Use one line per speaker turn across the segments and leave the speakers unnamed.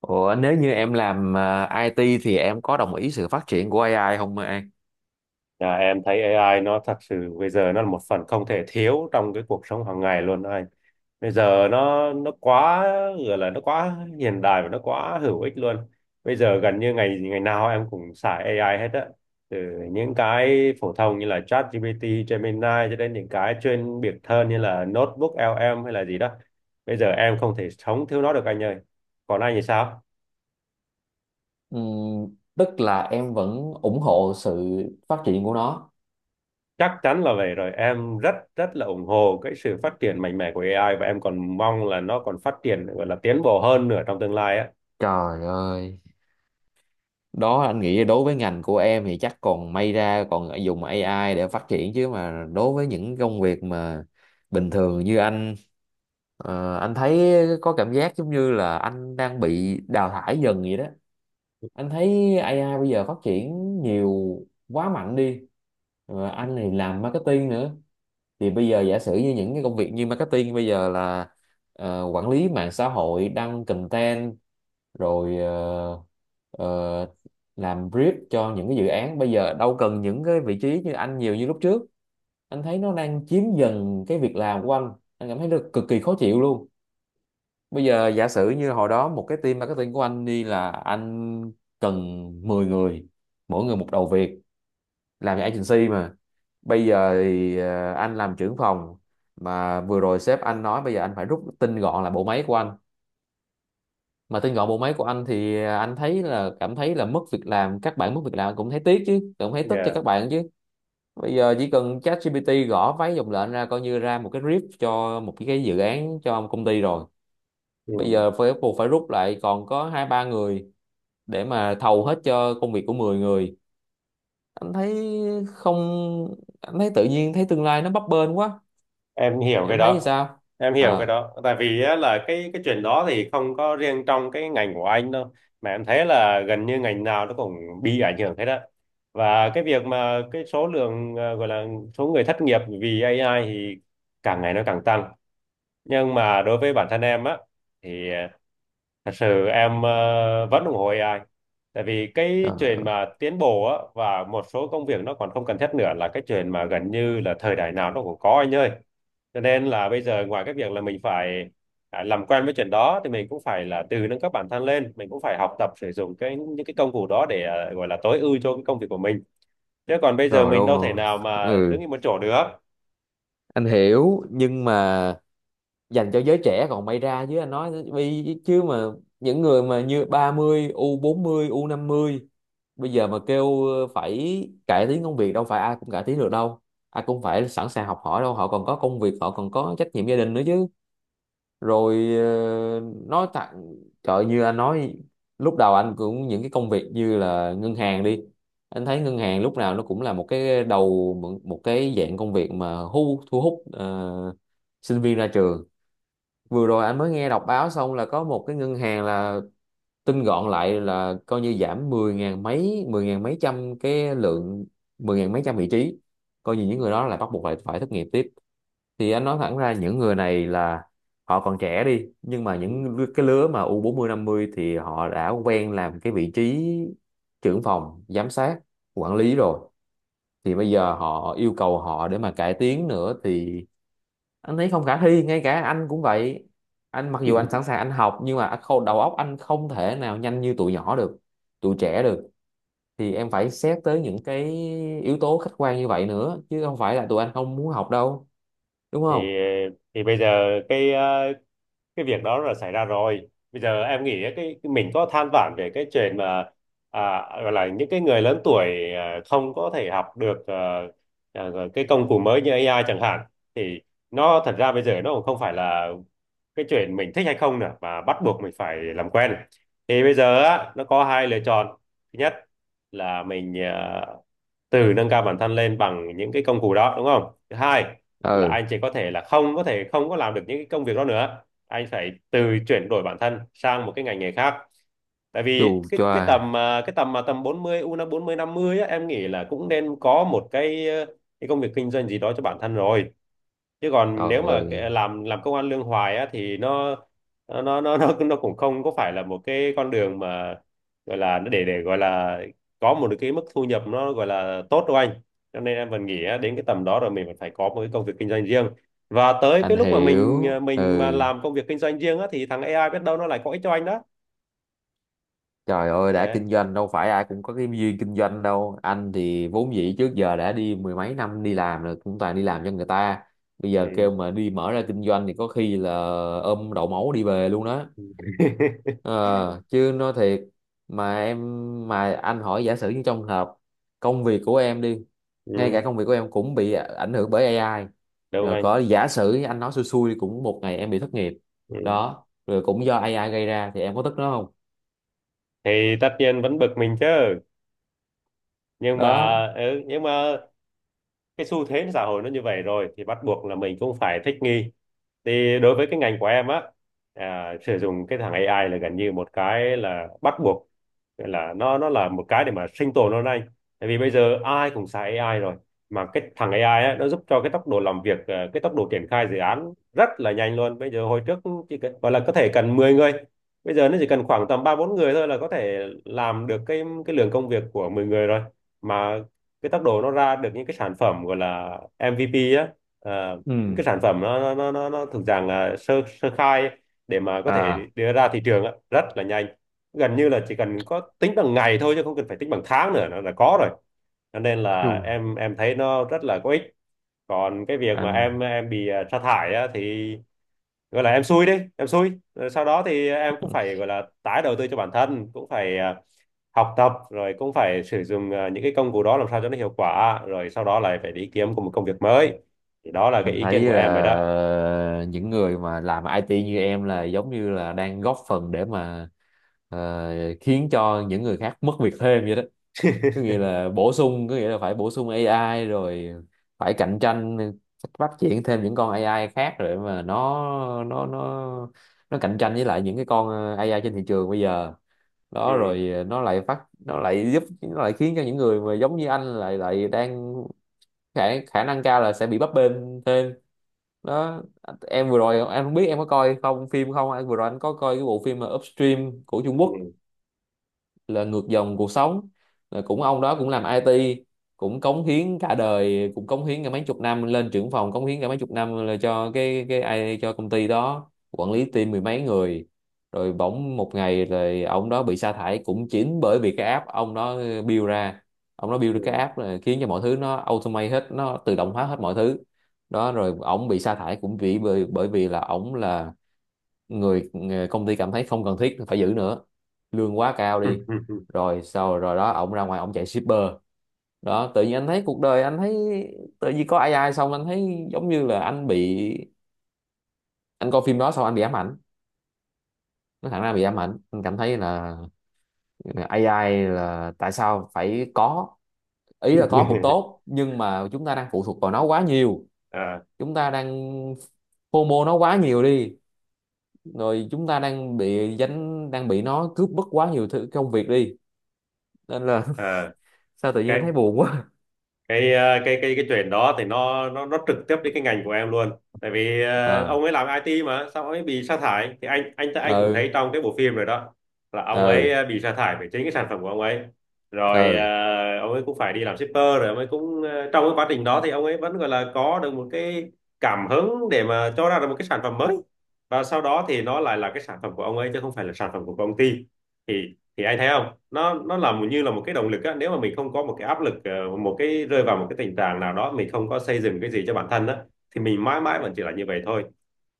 Ủa, nếu như em làm IT thì em có đồng ý sự phát triển của AI không, An?
Là em thấy AI nó thật sự bây giờ nó là một phần không thể thiếu trong cái cuộc sống hàng ngày luôn đó anh. Bây giờ nó quá, gọi là nó quá hiện đại và nó quá hữu ích luôn. Bây giờ gần như ngày ngày nào em cũng xài AI hết á. Từ những cái phổ thông như là ChatGPT, Gemini, cho đến những cái chuyên biệt hơn như là Notebook LM hay là gì đó. Bây giờ em không thể sống thiếu nó được anh ơi. Còn anh thì sao?
Tức là em vẫn ủng hộ sự phát triển của nó.
Chắc chắn là vậy rồi. Em rất rất là ủng hộ cái sự phát triển mạnh mẽ của AI và em còn mong là nó còn phát triển, gọi là tiến bộ hơn nữa trong tương lai á.
Trời ơi, đó anh nghĩ đối với ngành của em thì chắc còn may ra còn dùng AI để phát triển, chứ mà đối với những công việc mà bình thường như anh, anh thấy có cảm giác giống như là anh đang bị đào thải dần vậy đó. Anh thấy AI bây giờ phát triển nhiều, quá mạnh đi. Anh thì làm marketing nữa, thì bây giờ giả sử như những cái công việc như marketing bây giờ là quản lý mạng xã hội, đăng content, rồi ờ, làm brief cho những cái dự án, bây giờ đâu cần những cái vị trí như anh nhiều như lúc trước. Anh thấy nó đang chiếm dần cái việc làm của anh cảm thấy nó cực kỳ khó chịu luôn. Bây giờ giả sử như hồi đó một cái team marketing của anh đi là anh cần 10 người, mỗi người một đầu việc, làm agency mà. Bây giờ thì anh làm trưởng phòng, mà vừa rồi sếp anh nói bây giờ anh phải rút tinh gọn lại bộ máy của anh. Mà tinh gọn bộ máy của anh thì anh thấy là, cảm thấy là mất việc làm, các bạn mất việc làm cũng thấy tiếc chứ, cũng thấy tức cho
Yeah.
các bạn chứ. Bây giờ chỉ cần ChatGPT gõ mấy dòng lệnh ra coi như ra một cái brief cho một cái dự án cho công ty rồi. Bây
Ừ.
giờ phải buộc phải rút lại còn có hai ba người để mà thầu hết cho công việc của 10 người. Anh thấy không, anh thấy tự nhiên thấy tương lai nó bấp bênh quá.
Em hiểu cái
Em thấy như
đó.
sao?
Em hiểu cái
À,
đó. Tại vì á, là cái chuyện đó thì không có riêng trong cái ngành của anh đâu. Mà em thấy là gần như ngành nào nó cũng bị ảnh hưởng hết á. Và cái việc mà cái số lượng, gọi là số người thất nghiệp vì AI thì càng ngày nó càng tăng, nhưng mà đối với bản thân em á thì thật sự em vẫn ủng hộ AI, tại vì cái
trời,
chuyện mà tiến bộ á và một số công việc nó còn không cần thiết nữa là cái chuyện mà gần như là thời đại nào nó cũng có anh ơi, cho nên là bây giờ ngoài cái việc là mình phải làm quen với chuyện đó thì mình cũng phải là tự nâng cấp bản thân lên, mình cũng phải học tập sử dụng cái những cái công cụ đó để gọi là tối ưu cho cái công việc của mình, chứ còn bây giờ
trời
mình
đâu
đâu thể
mà-
nào mà đứng
ừ,
im một chỗ được.
anh hiểu, nhưng mà dành cho giới trẻ còn may ra, chứ anh nói vì chứ mà những người mà như 30, u bốn mươi, u năm mươi bây giờ mà kêu phải cải tiến công việc, đâu phải ai cũng cải tiến được đâu, ai cũng phải sẵn sàng học hỏi đâu, họ còn có công việc, họ còn có trách nhiệm gia đình nữa chứ. Rồi nói thẳng, trời như anh nói, lúc đầu anh cũng những cái công việc như là ngân hàng đi, anh thấy ngân hàng lúc nào nó cũng là một cái đầu, một một cái dạng công việc mà thu thu hút sinh viên ra trường. Vừa rồi anh mới nghe đọc báo xong là có một cái ngân hàng là tinh gọn lại, là coi như giảm 10 ngàn mấy, 10 ngàn mấy trăm cái lượng, 10 ngàn mấy trăm vị trí, coi như những người đó là bắt buộc phải phải thất nghiệp tiếp. Thì anh nói thẳng ra những người này là họ còn trẻ đi, nhưng mà
Ừ.
cái lứa mà U40 50 thì họ đã quen làm cái vị trí trưởng phòng, giám sát, quản lý rồi, thì bây giờ họ yêu cầu họ để mà cải tiến nữa thì anh thấy không khả thi. Ngay cả anh cũng vậy, anh mặc dù anh sẵn sàng anh học, nhưng mà đầu óc anh không thể nào nhanh như tụi nhỏ được, tụi trẻ được. Thì em phải xét tới những cái yếu tố khách quan như vậy nữa, chứ không phải là tụi anh không muốn học đâu, đúng không?
thì thì bây giờ cái việc đó là xảy ra rồi, bây giờ em nghĩ cái mình có than vãn về cái chuyện mà gọi là những cái người lớn tuổi không có thể học được à, cái công cụ mới như AI chẳng hạn, thì nó thật ra bây giờ nó cũng không phải là cái chuyện mình thích hay không nữa mà bắt buộc mình phải làm quen. Thì bây giờ á, nó có hai lựa chọn. Thứ nhất là mình, từ nâng cao bản thân lên bằng những cái công cụ đó đúng không. Thứ hai là anh chỉ có thể là không có thể, không có làm được những cái công việc đó nữa, anh phải từ chuyển đổi bản thân sang một cái ngành nghề khác. Tại
Chù
vì cái
choa.
tầm, à, cái tầm mà tầm 40 u 40 50 á, em nghĩ là cũng nên có một cái công việc kinh doanh gì đó cho bản thân rồi, chứ còn
Trời
nếu mà
ơi.
kệ- làm công ăn lương hoài á thì nó cũng không có phải là một cái con đường mà, gọi là nó để gọi là có một cái mức thu nhập nó gọi là tốt đâu anh. Cho nên em vẫn nghĩ á, đến cái tầm đó rồi mình vẫn phải có một cái công việc kinh doanh riêng, và tới cái
Anh
lúc mà mình,
hiểu.
mình mà
Ừ.
làm công việc kinh doanh riêng á thì thằng AI biết đâu nó lại có ích cho anh đó.
Trời ơi, đã
Đấy.
kinh doanh đâu phải ai cũng có cái duyên kinh doanh đâu. Anh thì vốn dĩ trước giờ đã đi mười mấy năm đi làm rồi, cũng toàn đi làm cho người ta. Bây giờ kêu
Ừ.
mà đi mở ra kinh doanh thì có khi là ôm đậu máu đi về luôn đó. Ờ, chứ nói thiệt, mà em, mà anh hỏi giả sử như trong hợp công việc của em đi, ngay cả
Ừ.
công việc của em cũng bị ảnh hưởng bởi AI,
Đúng
rồi
anh.
có giả sử anh nói xui xui cũng một ngày em bị thất nghiệp
Ừ.
đó, rồi cũng do AI gây ra, thì em có tức nó không?
Thì tất nhiên vẫn bực mình chứ, nhưng mà
Đó.
ừ, nhưng mà cái xu thế xã hội nó như vậy rồi thì bắt buộc là mình cũng phải thích nghi. Thì đối với cái ngành của em á, sử dụng cái thằng AI là gần như một cái là bắt buộc. Nghĩa là nó là một cái để mà sinh tồn hôm nay, tại vì bây giờ ai cũng xài AI rồi, mà cái thằng AI á, nó giúp cho cái tốc độ làm việc, cái tốc độ triển khai dự án rất là nhanh luôn. Bây giờ hồi trước chỉ cần, gọi là có thể cần 10 người, bây giờ nó chỉ cần khoảng tầm ba bốn người thôi là có thể làm được cái lượng công việc của 10 người rồi. Mà cái tốc độ nó ra được những cái sản phẩm gọi là MVP á, à, những
Ừ.
cái sản phẩm nó thuộc dạng là sơ sơ khai ấy, để mà có thể
À.
đưa ra thị trường á, rất là nhanh, gần như là chỉ cần có tính bằng ngày thôi chứ không cần phải tính bằng tháng nữa nó là có rồi. Cho nên
Chù.
là em thấy nó rất là có ích. Còn cái việc mà
anh
em bị sa thải á, thì gọi là em xui đi em xui. Rồi sau đó thì em cũng phải gọi là tái đầu tư cho bản thân, cũng phải học tập, rồi cũng phải sử dụng những cái công cụ đó làm sao cho nó hiệu quả, rồi sau đó lại phải đi kiếm một công việc mới. Thì đó là cái
anh
ý
thấy
kiến của em vậy đó.
là những người mà làm IT như em là giống như là đang góp phần để mà ờ, khiến cho những người khác mất việc thêm vậy đó. Có nghĩa là bổ sung, có nghĩa là phải bổ sung AI rồi, phải cạnh tranh, phát triển thêm những con AI khác, rồi mà nó nó nó cạnh tranh với lại những cái con AI trên thị trường bây giờ. Đó,
Ừ.
rồi nó lại giúp, nó lại khiến cho những người mà giống như anh lại lại đang, khả, khả năng cao là sẽ bị bấp bênh thêm đó. Em vừa rồi em không biết em có coi không, phim không anh, vừa rồi anh có coi cái bộ phim mà Upstream của Trung Quốc,
Ừ.
là ngược dòng cuộc sống, là cũng ông đó cũng làm IT, cũng cống hiến cả đời, cũng cống hiến cả mấy chục năm lên trưởng phòng, cống hiến cả mấy chục năm là cho cái ai, cho công ty đó quản lý team mười mấy người. Rồi bỗng một ngày rồi ông đó bị sa thải cũng chính bởi vì cái app ông đó build ra, ông đó build ra cái
Ừ.
app là khiến cho mọi thứ nó automate hết, nó tự động hóa hết mọi thứ. Đó rồi ổng bị sa thải cũng vì bởi bởi vì là ổng là người công ty cảm thấy không cần thiết phải giữ nữa, lương quá cao đi. Rồi sau rồi đó ổng ra ngoài ổng chạy shipper. Đó tự nhiên anh thấy cuộc đời, anh thấy tự nhiên có AI xong anh thấy giống như là anh bị, anh coi phim đó xong anh bị ám ảnh, nó thẳng ra bị ám ảnh. Anh cảm thấy là AI là tại sao phải có, ý là có cũng tốt nhưng mà chúng ta đang phụ thuộc vào nó quá nhiều,
À,
chúng ta đang FOMO nó quá nhiều đi, rồi chúng ta đang bị dính, đang bị nó cướp mất quá nhiều thứ công việc đi, nên là
à.
sao tự nhiên thấy buồn quá.
Cái ờ, cái chuyện đó thì nó trực tiếp đến cái ngành của em luôn. Tại vì
ờ
ông ấy làm IT mà sao ông ấy bị sa thải thì anh cũng thấy
ừ,
trong cái bộ phim rồi đó, là ông ấy
ừ,
bị sa thải về chính cái sản phẩm của ông ấy. Rồi
ừ,
ông ấy cũng phải đi làm shipper, rồi ông ấy cũng trong cái quá trình đó thì ông ấy vẫn gọi là có được một cái cảm hứng để mà cho ra được một cái sản phẩm mới. Và sau đó thì nó lại là cái sản phẩm của ông ấy chứ không phải là sản phẩm của công ty. Thì anh thấy không, nó nó là một- như là một cái động lực á. Nếu mà mình không có một cái áp lực, một cái rơi vào một cái tình trạng nào đó mình không có xây dựng cái gì cho bản thân á, thì mình mãi mãi vẫn chỉ là như vậy thôi.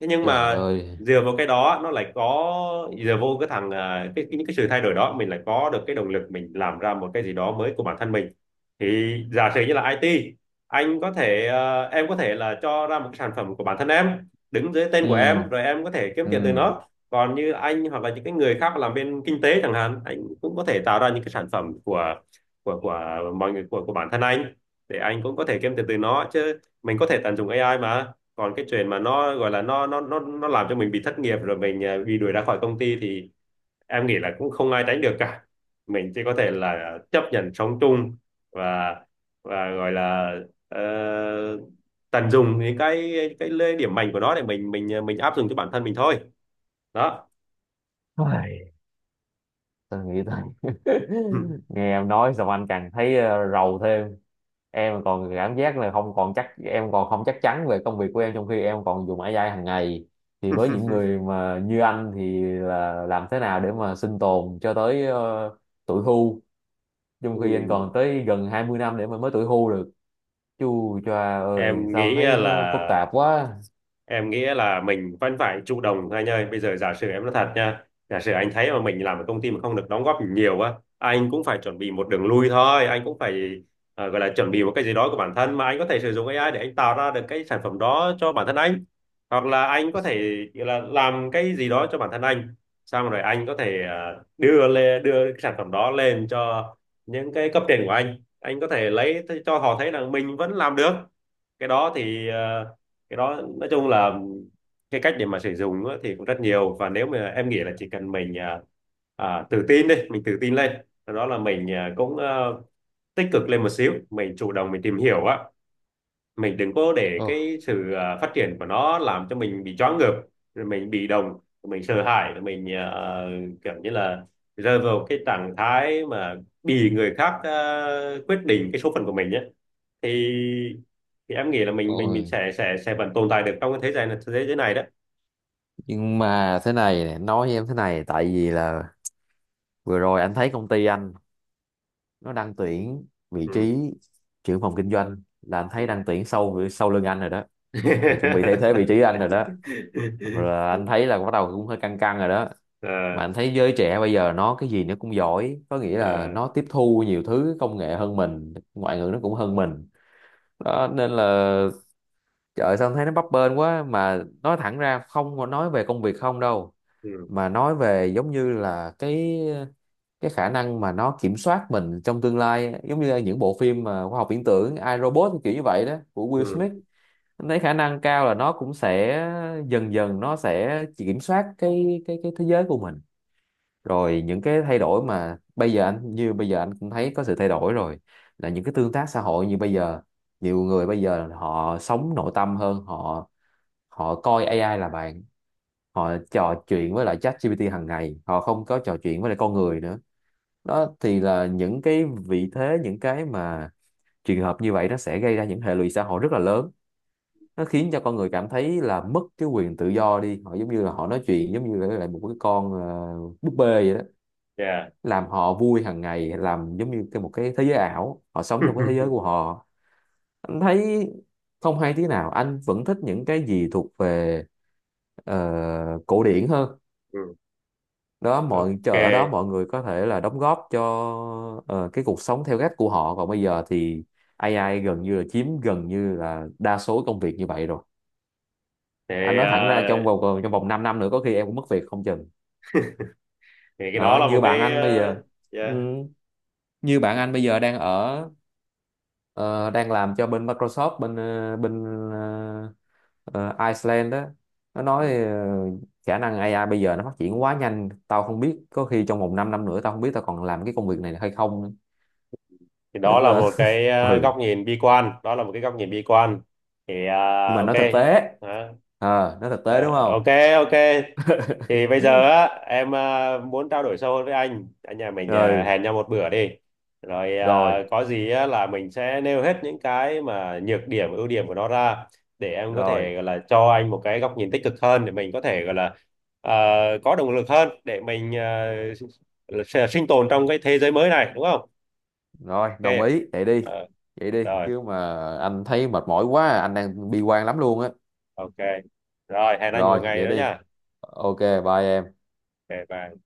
Thế nhưng
trời
mà
ơi,
dựa vào cái đó nó lại có, dựa vô cái thằng à, cái những cái sự thay đổi đó, mình lại có được cái động lực, mình làm ra một cái gì đó mới của bản thân mình. Thì giả sử như là IT, anh có thể ờ, em có thể là cho ra một cái sản phẩm của bản thân em, đứng dưới tên của
ừ,
em, rồi em có thể kiếm tiền từ
ừ.
nó. Còn như anh, hoặc là những cái người khác làm bên kinh tế chẳng hạn, anh cũng có thể tạo ra những cái sản phẩm của mọi người, của bản thân anh, để anh cũng có thể kiếm tiền từ nó, chứ mình có thể tận dụng AI mà. Còn cái chuyện mà nó gọi là nó làm cho mình bị thất nghiệp, rồi mình bị đuổi ra khỏi công ty thì em nghĩ là cũng không ai tránh được cả. Mình chỉ có thể là chấp nhận sống chung và và gọi là ờ, tận dụng những cái lợi điểm mạnh của nó để mình áp dụng cho bản thân mình thôi. Đó.
Ai, tao nghĩ tới nghe em nói xong anh càng thấy rầu thêm. Em còn cảm giác là không còn chắc, em còn không chắc chắn về công việc của em, trong khi em còn dùng AI hàng ngày, thì với những người mà như anh thì là làm thế nào để mà sinh tồn cho tới tuổi hưu, trong
Ừ.
khi anh còn tới gần 20 năm để mà mới tuổi hưu được. Chù choà ơi
em
sao em
nghĩ
thấy
là
nó phức tạp quá.
em nghĩ là mình vẫn phải chủ động thôi anh ơi. Bây giờ giả sử em nói thật nha, giả sử anh thấy mà mình làm ở công ty mà không được đóng góp nhiều á, anh cũng phải chuẩn bị một đường lui thôi. Anh cũng phải gọi là chuẩn bị một cái gì đó của bản thân mà anh có thể sử dụng AI để anh tạo ra được cái sản phẩm đó cho bản thân anh, hoặc là anh có thể gọi là làm cái gì đó cho bản thân anh, xong rồi anh có thể đưa cái sản phẩm đó lên cho những cái cấp trên của anh. Anh có thể lấy cho họ thấy là mình vẫn làm được. Cái đó thì cái đó nói chung là cái cách để mà sử dụng á, thì cũng rất nhiều, và nếu mà em nghĩ là chỉ cần mình, tự tin đi, mình tự tin lên. Sau đó là mình cũng tích cực lên một xíu, mình chủ động mình tìm hiểu á, mình đừng có để
Ồ.
cái sự phát triển của nó làm cho mình bị choáng ngợp rồi mình bị động, mình sợ hãi, rồi mình kiểu như là rơi vào cái trạng thái mà bị người khác quyết định cái số phận của mình nhé. Thì em nghĩ là mình
Ôi,
sẽ vẫn tồn tại được trong cái thế giới này, đó.
nhưng mà thế này nè, nói với em thế này, tại vì là vừa rồi anh thấy công ty anh, nó đang tuyển vị
Ừ.
trí trưởng phòng kinh doanh, là anh thấy đang tuyển sau sau lưng anh rồi đó, là chuẩn bị thay thế vị trí anh rồi đó. Rồi là anh thấy là bắt đầu cũng hơi căng căng rồi đó.
À,
Mà anh thấy giới trẻ bây giờ nó cái gì nó cũng giỏi, có nghĩa là
à,
nó tiếp thu nhiều thứ công nghệ hơn mình, ngoại ngữ nó cũng hơn mình đó, nên là trời ơi, sao em thấy nó bấp bênh quá. Mà nói thẳng ra không có nói về công việc không đâu,
ừ,
mà nói về giống như là cái khả năng mà nó kiểm soát mình trong tương lai, giống như những bộ phim mà khoa học viễn tưởng I, Robot kiểu như vậy đó của Will
ừ,
Smith. Em thấy khả năng cao là nó cũng sẽ dần dần nó sẽ kiểm soát cái thế giới của mình. Rồi những cái thay đổi mà bây giờ anh, như bây giờ anh cũng thấy có sự thay đổi rồi, là những cái tương tác xã hội như bây giờ, nhiều người bây giờ họ sống nội tâm hơn, họ họ coi AI là bạn, họ trò chuyện với lại ChatGPT hàng ngày, họ không có trò chuyện với lại con người nữa. Đó thì là những cái vị thế, những cái mà trường hợp như vậy nó sẽ gây ra những hệ lụy xã hội rất là lớn, nó khiến cho con người cảm thấy là mất cái quyền tự do đi, họ giống như là họ nói chuyện giống như là lại một cái con búp bê vậy đó,
yeah.
làm họ vui hàng ngày, làm giống như cái một cái thế giới ảo, họ sống trong cái thế giới của họ. Anh thấy không hay tí nào, anh vẫn thích những cái gì thuộc về ờ, cổ điển hơn
Ừ.
đó. Mọi
OK.
chờ ở đó mọi người có thể là đóng góp cho cái cuộc sống theo cách của họ, còn bây giờ thì AI gần như là chiếm, gần như là đa số công việc như vậy rồi.
Thì,
Anh nói thẳng ra trong
à,
vòng, còn trong vòng 5 năm nữa có khi em cũng mất việc không chừng
thì cái đó
đó.
là một
Như bạn
cái
anh bây giờ, ừ,
yeah.
như bạn anh bây giờ đang ở ờ, đang làm cho bên Microsoft, bên ờ, Iceland đó. Nó nói
Ừ.
khả năng AI bây giờ nó phát triển quá nhanh, tao không biết có khi trong vòng 5 năm nữa tao không biết tao còn làm cái công việc này hay không nữa.
Thì đó
Nên
là
là
một cái,
ừ,
góc nhìn bi quan, đó là một cái góc nhìn bi quan. Thì
nhưng mà
OK.
nói thực tế,
Đó.
nói thực tế,
Ờ,
đúng
OK.
không?
OK. Thì bây
Ừ.
giờ á, em muốn trao đổi sâu hơn với anh nhà mình,
Rồi.
hẹn nhau một bữa đi. Rồi
Rồi.
có gì á, là mình sẽ nêu hết những cái mà nhược điểm, ưu điểm của nó ra, để em có thể gọi là cho anh một cái góc nhìn tích cực hơn, để mình có thể gọi là à, có động lực hơn để mình sinh tồn trong cái thế giới mới này, đúng không.
Rồi, đồng
OK.
ý vậy đi.
Ờ,
Vậy đi
rồi.
chứ mà anh thấy mệt mỏi quá. Anh đang bi quan lắm luôn á.
OK. Rồi hẹn anh một
Rồi
ngày
vậy
đó
đi.
nha.
OK. Bye em.
OK, bye.